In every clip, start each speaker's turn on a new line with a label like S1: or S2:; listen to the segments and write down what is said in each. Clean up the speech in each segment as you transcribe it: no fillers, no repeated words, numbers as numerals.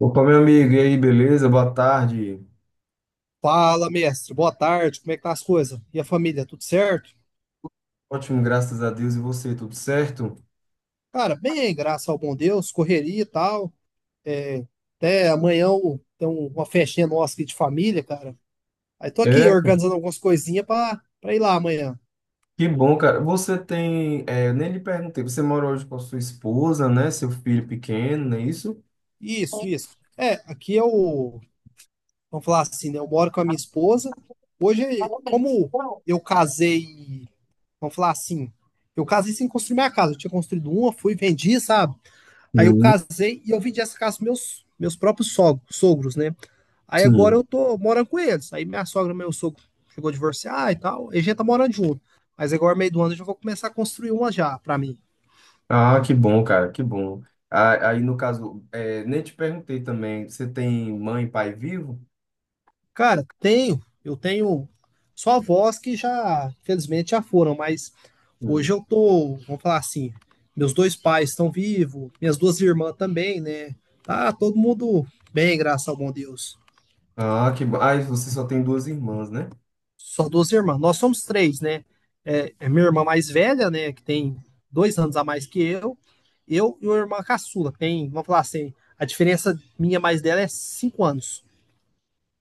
S1: Opa, meu amigo, e aí, beleza? Boa tarde.
S2: Fala, mestre. Boa tarde. Como é que tá as coisas? E a família, tudo certo?
S1: Ótimo, graças a Deus. E você, tudo certo?
S2: Cara, bem, graças ao bom Deus, correria e tal. É, até amanhã tem uma festinha nossa aqui de família, cara. Aí tô aqui
S1: É,
S2: organizando algumas coisinhas pra ir lá amanhã.
S1: que bom, cara. Você tem, eu nem lhe perguntei, você mora hoje com a sua esposa, né? Seu filho pequeno, não é isso?
S2: Isso, isso. É, aqui eu, vamos falar assim, né? Eu moro com a minha esposa. Hoje, como eu casei, vamos falar assim, eu casei sem construir minha casa. Eu tinha construído uma, fui, vendi, sabe? Aí eu
S1: Hum,
S2: casei e eu vendi essa casa para meus próprios sogros, sogros, né? Aí agora eu
S1: sim.
S2: tô morando com eles. Aí minha sogra e meu sogro chegou a divorciar e tal. E a gente tá morando junto. Mas agora, meio do ano, eu já vou começar a construir uma já para mim.
S1: Ah, que bom, cara, que bom. Ah, aí, no caso, nem te perguntei também, você tem mãe e pai vivo?
S2: Cara, eu tenho só avós que já, infelizmente, já foram, mas hoje
S1: Hum.
S2: eu tô, vamos falar assim, meus dois pais estão vivos, minhas duas irmãs também, né? Tá todo mundo bem, graças ao bom Deus.
S1: Ah, que bom. Ah, e você só tem duas irmãs, né?
S2: Só duas irmãs. Nós somos três, né? É, é minha irmã mais velha, né? Que tem 2 anos a mais que eu. Eu e uma irmã caçula, que tem, vamos falar assim, a diferença minha mais dela é 5 anos.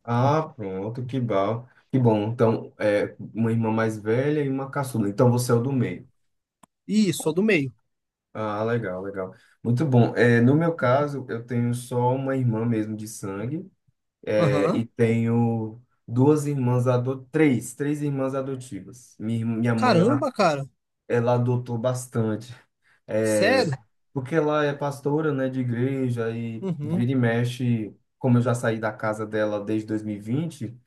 S1: Ah, pronto, que bom. Que bom. Então, é, uma irmã mais velha e uma caçula. Então, você é o do meio.
S2: Isso, sou do meio.
S1: Ah, legal, legal. Muito bom. É, no meu caso, eu tenho só uma irmã mesmo de sangue,
S2: Aham.
S1: e tenho duas irmãs adotivas, três, três irmãs adotivas. Minha mãe, ela,
S2: Caramba, cara.
S1: ela adotou bastante, é,
S2: Sério?
S1: porque ela é pastora, né, de igreja, e
S2: Uhum,
S1: vira e mexe, como eu já saí da casa dela desde 2020,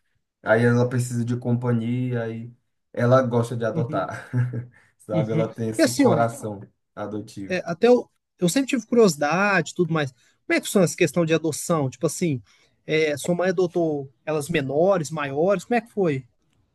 S1: aí ela precisa de companhia, e ela gosta de
S2: uhum,
S1: adotar, sabe?
S2: uhum.
S1: Ela tem
S2: E
S1: esse
S2: assim, ó,
S1: coração adotivo.
S2: até eu sempre tive curiosidade e tudo mais. Como é que funciona essa questão de adoção? Tipo assim, sua mãe adotou elas menores, maiores? Como é que foi?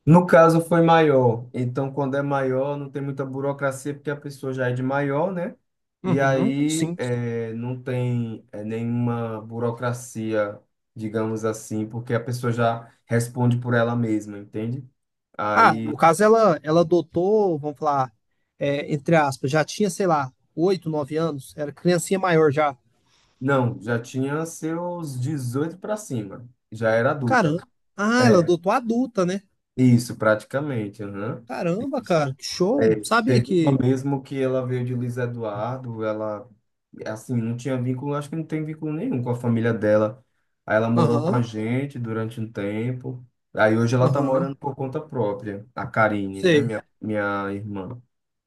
S1: No caso, foi maior. Então, quando é maior, não tem muita burocracia, porque a pessoa já é de maior, né? E
S2: Uhum,
S1: aí,
S2: sim.
S1: não tem, nenhuma burocracia, digamos assim, porque a pessoa já responde por ela mesma, entende?
S2: Ah,
S1: Aí,
S2: no caso ela adotou, vamos falar, entre aspas, já tinha, sei lá, 8, 9 anos, era criancinha maior já.
S1: não, já tinha seus 18 para cima. Já era adulta.
S2: Caramba. Ah, ela
S1: É,
S2: adotou adulta, né?
S1: isso, praticamente. Aham.
S2: Caramba, cara, que show.
S1: É,
S2: Sabia
S1: teve uma
S2: que.
S1: mesmo que ela veio de Luiz Eduardo, ela, assim, não tinha vínculo, acho que não tem vínculo nenhum com a família dela. Aí ela morou com a
S2: Aham,
S1: gente durante um tempo. Aí hoje ela tá
S2: aham,
S1: morando por conta própria, a Karine, né,
S2: sei.
S1: minha irmã.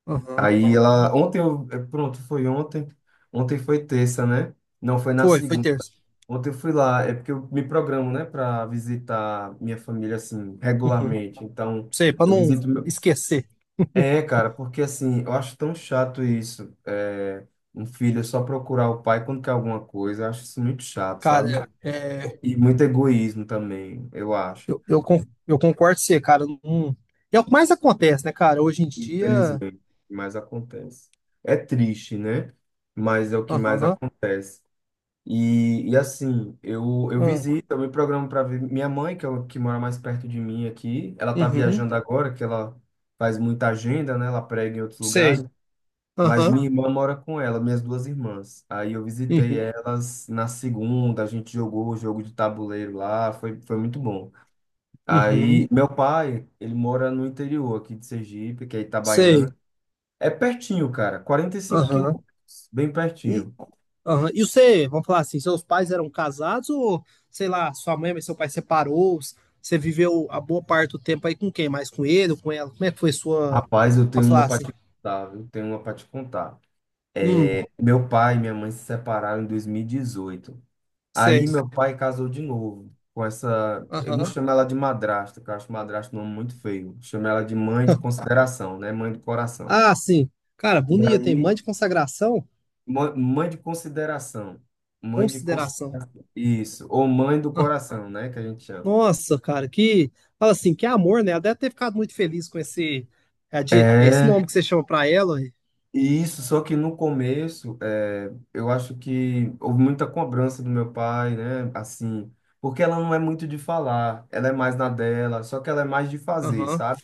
S2: Aham.
S1: Aí ela, ontem eu, pronto, foi ontem, ontem foi terça, né? Não, foi na
S2: Foi
S1: segunda.
S2: terça.
S1: Ontem eu fui lá, é porque eu me programo, né, para visitar minha família, assim,
S2: Uhum.
S1: regularmente. Então,
S2: Sei, pra
S1: eu
S2: não
S1: visito.
S2: esquecer.
S1: É, cara, porque assim, eu acho tão chato isso. É, um filho só procurar o pai quando quer alguma coisa, eu acho isso muito chato, sabe?
S2: Cara, é,
S1: E muito egoísmo também, eu acho.
S2: eu concordo com você, cara. Não. É o que mais acontece, né, cara? Hoje em dia.
S1: Infelizmente, o que mais acontece. É triste, né? Mas é o que mais
S2: Aham, ah,
S1: acontece. E assim, eu visito, eu me programo para ver minha mãe, que, é o que mora mais perto de mim aqui. Ela tá
S2: uhum,
S1: viajando agora, que ela faz muita agenda, né? Ela prega em outros lugares.
S2: sei.
S1: Mas
S2: Aham,
S1: minha irmã mora com ela, minhas duas irmãs. Aí eu visitei
S2: uhum,
S1: elas na segunda, a gente jogou o jogo de tabuleiro lá, foi, foi muito bom. Aí
S2: uhum.
S1: meu pai, ele mora no interior aqui de Sergipe, que é
S2: Sei.
S1: Itabaiana. É pertinho, cara, 45
S2: Aham.
S1: quilômetros, bem
S2: E,
S1: pertinho.
S2: aham. E você, vamos falar assim, seus pais eram casados ou, sei lá, sua mãe e seu pai separou? Você viveu a boa parte do tempo aí com quem? Mais com ele ou com ela? Como é que foi sua,
S1: Rapaz, eu tenho
S2: vamos falar
S1: uma pra
S2: assim?
S1: te contar, viu? Tenho uma pra te contar.
S2: Hum,
S1: É, meu pai e minha mãe se separaram em 2018. Aí
S2: sei.
S1: meu pai casou de novo com essa. Eu não
S2: Aham.
S1: chamo ela de madrasta, que eu acho madrasta um nome muito feio. Chamo ela de mãe de consideração, né? Mãe do coração.
S2: Ah, sim. Cara,
S1: E
S2: bonito, tem mãe
S1: aí,
S2: de consagração,
S1: mãe de consideração. Mãe de. cons-
S2: consideração.
S1: Isso. Ou mãe do
S2: Ah,
S1: coração, né? Que a gente chama.
S2: nossa, cara, que. Fala assim, que amor, né? Ela deve ter ficado muito feliz com esse
S1: É.
S2: nome que você chama pra ela. Ué.
S1: E isso, só que no começo, eu acho que houve muita cobrança do meu pai, né? Assim, porque ela não é muito de falar, ela é mais na dela, só que ela é mais de fazer,
S2: Aham,
S1: sabe?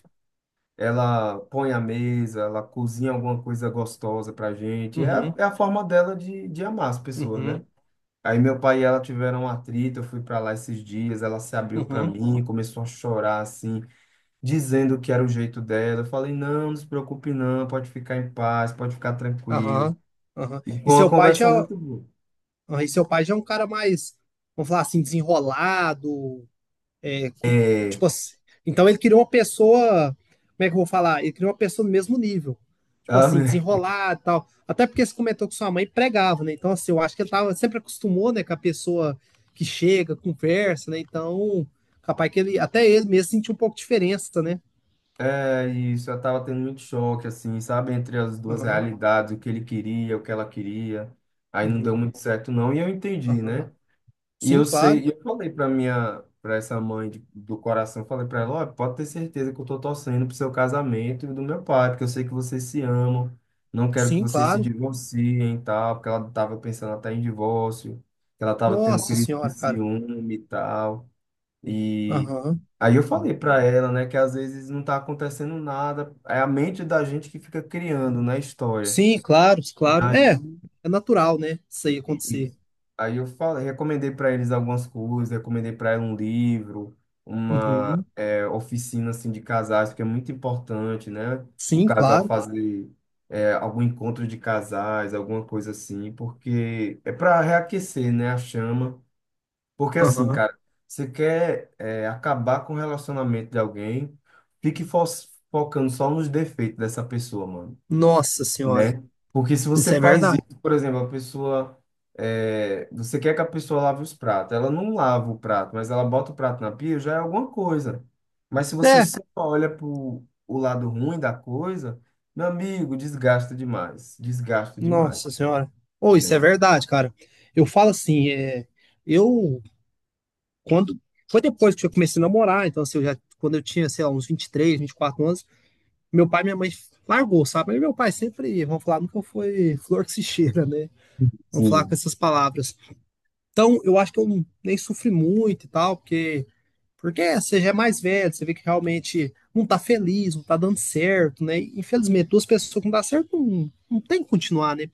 S1: Ela põe a mesa, ela cozinha alguma coisa gostosa pra gente. É a,
S2: uhum,
S1: é a forma dela de amar as pessoas, né?
S2: uhum,
S1: Aí meu pai e ela tiveram um atrito, eu fui pra lá esses dias, ela se
S2: uhum,
S1: abriu pra
S2: uhum.
S1: mim, começou a chorar assim, dizendo que era o jeito dela. Eu falei, não, não se preocupe não, pode ficar em paz, pode ficar tranquilo.
S2: Aham, aham.
S1: E
S2: E
S1: foi uma
S2: seu pai já,
S1: conversa muito boa.
S2: ah, e seu pai já é um cara mais, vamos falar assim, desenrolado, é,
S1: É,
S2: tipo assim. Então ele queria uma pessoa, como é que eu vou falar? Ele queria uma pessoa do mesmo nível. Tipo assim,
S1: amém.
S2: desenrolado e tal. Até porque você comentou que sua mãe pregava, né? Então, assim, eu acho que ele tava, sempre acostumou, né, com a pessoa que chega, conversa, né? Então, capaz que ele, até ele mesmo sentiu um pouco de diferença, né?
S1: É isso, eu tava tendo muito choque, assim, sabe, entre as duas
S2: Aham,
S1: realidades, o que ele queria, o que ela queria. Aí não deu
S2: uhum,
S1: muito certo, não, e eu entendi,
S2: aham.
S1: né? E
S2: Sim,
S1: eu
S2: claro.
S1: sei, e eu falei pra minha, pra essa mãe do coração, eu falei pra ela, ó, pode ter certeza que eu tô torcendo pro seu casamento e do meu pai, porque eu sei que vocês se amam, não quero que
S2: Sim,
S1: vocês se
S2: claro.
S1: divorciem e tal, porque ela tava pensando até em divórcio, que ela tava tendo
S2: Nossa
S1: crise de
S2: senhora, cara.
S1: ciúme e tal. E
S2: Aham.
S1: aí eu falei pra ela, né, que às vezes não tá acontecendo nada, é a mente da gente que fica criando, né, história.
S2: Sim, claro,
S1: E
S2: claro.
S1: aí,
S2: É, é natural, né? Isso aí acontecer.
S1: isso. Aí eu falei, recomendei para eles algumas coisas, recomendei para ela um livro, uma
S2: Uhum.
S1: oficina assim de casais, que é muito importante, né? O
S2: Sim,
S1: casal
S2: claro.
S1: fazer algum encontro de casais, alguma coisa assim, porque é para reaquecer, né, a chama. Porque assim,
S2: Aham.
S1: cara, você quer acabar com o relacionamento de alguém, fique fo- focando só nos defeitos dessa pessoa, mano,
S2: Nossa senhora.
S1: né? Porque se
S2: Isso
S1: você
S2: é
S1: faz
S2: verdade.
S1: isso, por exemplo, a pessoa, você quer que a pessoa lave os pratos, ela não lava o prato, mas ela bota o prato na pia, já é alguma coisa. Mas se você
S2: É,
S1: só olha pro o lado ruim da coisa, meu amigo, desgasta demais,
S2: nossa senhora. Ou isso é
S1: né?
S2: verdade, cara. Eu falo assim, eu quando foi depois que eu comecei a namorar, então assim, eu já quando eu tinha, sei lá, uns vinte vinte três vinte e quatro anos, meu pai e minha mãe largou, sabe? Mas meu pai sempre, vamos falar, nunca foi flor que se cheira, né? Vamos falar
S1: Sim.
S2: com essas palavras. Então, eu acho que eu nem sofri muito e tal, porque você já é mais velho, você vê que realmente não tá feliz, não tá dando certo, né? E, infelizmente, duas pessoas que não dá certo não, não tem que continuar, né?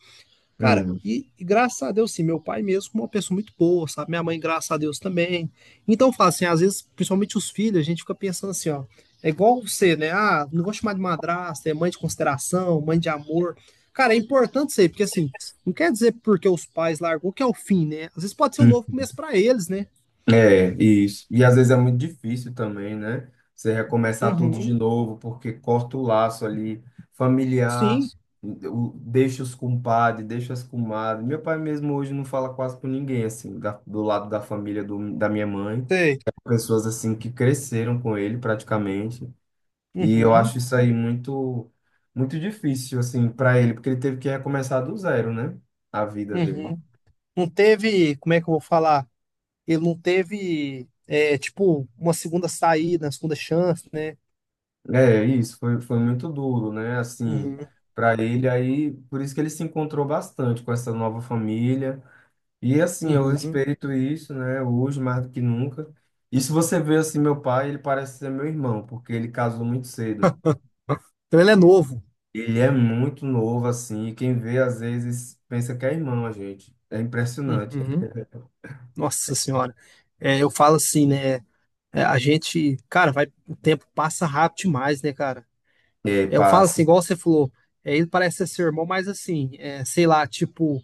S2: Cara,
S1: Hum.
S2: e graças a Deus, sim, meu pai mesmo é uma pessoa muito boa, sabe? Minha mãe, graças a Deus, também. Então, eu falo assim, às vezes, principalmente os filhos, a gente fica pensando assim, ó, é igual você, né? Ah, não vou chamar de madrasta, é mãe de consideração, mãe de amor. Cara, é importante isso aí, porque assim, não quer dizer porque os pais largou que é o fim, né? Às vezes pode ser um novo começo pra eles, né?
S1: É, isso. E às vezes é muito difícil também, né? Você recomeçar tudo de
S2: Uhum.
S1: novo, porque corta o laço ali familiar,
S2: Sim.
S1: deixa os compadres, deixa as comadres. Meu pai mesmo hoje não fala quase com ninguém, assim, do lado da família da minha mãe.
S2: Sei.
S1: Pessoas, assim, que cresceram com ele praticamente. E eu
S2: Uhum,
S1: acho isso aí muito, muito difícil, assim, para ele, porque ele teve que recomeçar do zero, né? A vida dele.
S2: uhum. Não teve, como é que eu vou falar? Ele não teve, tipo, uma segunda saída, uma segunda chance, né?
S1: É, isso foi, foi muito duro, né? Assim,
S2: Uhum,
S1: para ele aí, por isso que ele se encontrou bastante com essa nova família. E assim, eu
S2: uhum.
S1: respeito isso, né? Hoje mais do que nunca. E se você vê assim, meu pai, ele parece ser meu irmão, porque ele casou muito cedo.
S2: Então ele é novo.
S1: Ele é muito novo assim, e quem vê às vezes pensa que é irmão a gente. É impressionante.
S2: Uhum. Nossa Senhora. É, eu falo assim, né? É, a gente, cara, vai, o tempo passa rápido demais, né, cara?
S1: É,
S2: É, eu falo assim,
S1: passa.
S2: igual você falou, ele parece ser seu irmão, mas assim, sei lá, tipo,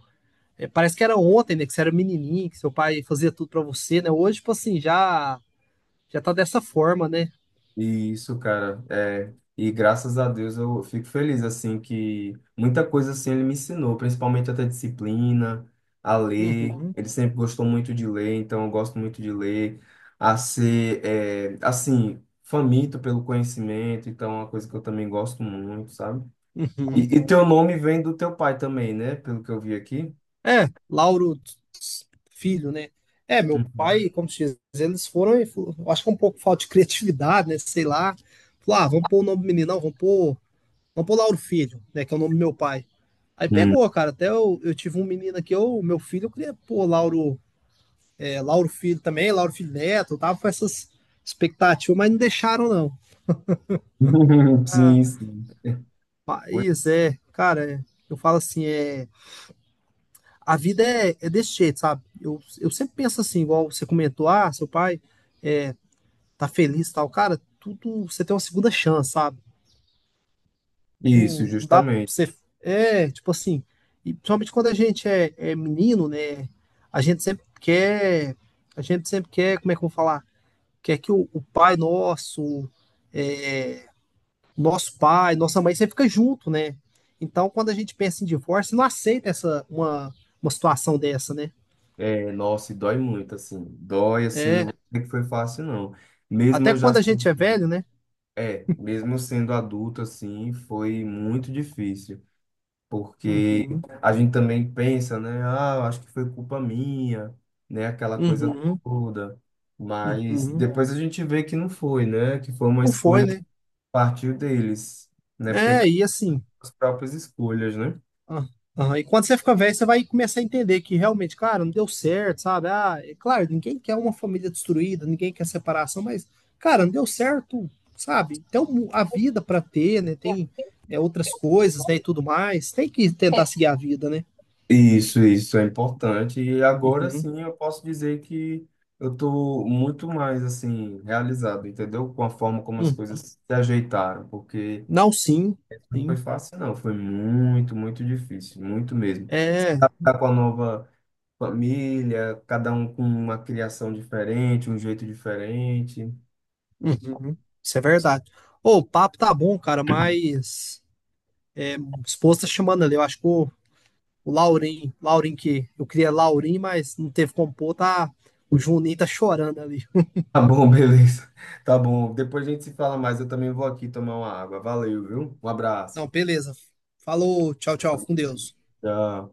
S2: parece que era ontem, né? Que você era menininho, que seu pai fazia tudo pra você, né? Hoje, tipo assim, já tá dessa forma, né?
S1: Isso, cara, e graças a Deus eu fico feliz, assim, que muita coisa, assim, ele me ensinou, principalmente até disciplina, a ler,
S2: Uhum,
S1: ele sempre gostou muito de ler, então eu gosto muito de ler, a ser, assim, faminto pelo conhecimento, então é uma coisa que eu também gosto muito, sabe? E,
S2: uhum.
S1: e teu nome vem do teu pai também, né, pelo que eu vi aqui?
S2: É, Lauro Filho, né? É, meu
S1: Uhum.
S2: pai, como se diz, eles foram, eu acho que é um pouco falta de criatividade, né? Sei lá. Falou, ah, vamos pôr o nome do menino, não, vamos pôr Lauro Filho, né? Que é o nome do meu pai. Aí
S1: Hum.
S2: pegou, cara. Até eu tive um menino aqui, eu, meu filho, eu queria pôr Lauro, Lauro Filho também, Lauro Filho Neto, eu tava com essas expectativas, mas não deixaram, não. Ah,
S1: Sim, sim. Pois-
S2: mas cara, eu falo assim, é. A vida é desse jeito, sabe? Eu sempre penso assim, igual você comentou, ah, seu pai é, tá feliz e tal. Cara, tudo você tem uma segunda chance, sabe?
S1: Isso,
S2: Não, não dá pra
S1: justamente.
S2: você. É, tipo assim, e principalmente quando a gente é menino, né? A gente sempre quer. A gente sempre quer, como é que eu vou falar? Quer que o pai nosso, é, nosso pai, nossa mãe, sempre fica junto, né? Então, quando a gente pensa em divórcio, não aceita essa uma situação dessa, né?
S1: É, nossa, e dói muito, assim. Dói, assim, não
S2: É,
S1: vou dizer que foi fácil, não. Mesmo
S2: até
S1: eu já.
S2: quando a
S1: Se-
S2: gente é velho, né?
S1: É, mesmo eu sendo adulto, assim, foi muito difícil. Porque
S2: Uhum,
S1: a gente também pensa, né? Ah, eu acho que foi culpa minha, né? Aquela coisa
S2: uhum,
S1: toda. Mas
S2: uhum.
S1: depois a gente vê que não foi, né? Que foi uma
S2: Não foi,
S1: escolha que
S2: né?
S1: partiu deles, né? Porque
S2: É,
S1: cada um
S2: e assim.
S1: com as próprias escolhas, né?
S2: ah, ah, e quando você fica velho, você vai começar a entender que realmente, claro, não deu certo, sabe? Ah, é claro, ninguém quer uma família destruída, ninguém quer separação, mas, cara, não deu certo, sabe? Tem a vida pra ter, né? Tem outras coisas, né? E tudo mais. Tem que tentar seguir a vida, né?
S1: Isso é importante. E agora
S2: Uhum,
S1: sim eu posso dizer que eu estou muito mais assim realizado, entendeu? Com a forma como as coisas
S2: uhum.
S1: se ajeitaram, porque
S2: Não, sim,
S1: não foi
S2: sim.
S1: fácil, não, foi muito, muito difícil, muito mesmo.
S2: É.
S1: Tá com a nova família, cada um com uma criação diferente, um jeito diferente.
S2: Uhum, isso é verdade. Ô, o papo tá bom, cara, mas o esposo tá chamando ali. Eu acho que o Laurim, Laurim que eu queria Laurim, mas não teve como pôr, tá? O Juninho tá chorando ali.
S1: Tá bom, beleza. Tá bom. Depois a gente se fala mais. Eu também vou aqui tomar uma água. Valeu, viu? Um abraço.
S2: Não, beleza. Falou, tchau, tchau, fica com Deus.
S1: Tchau.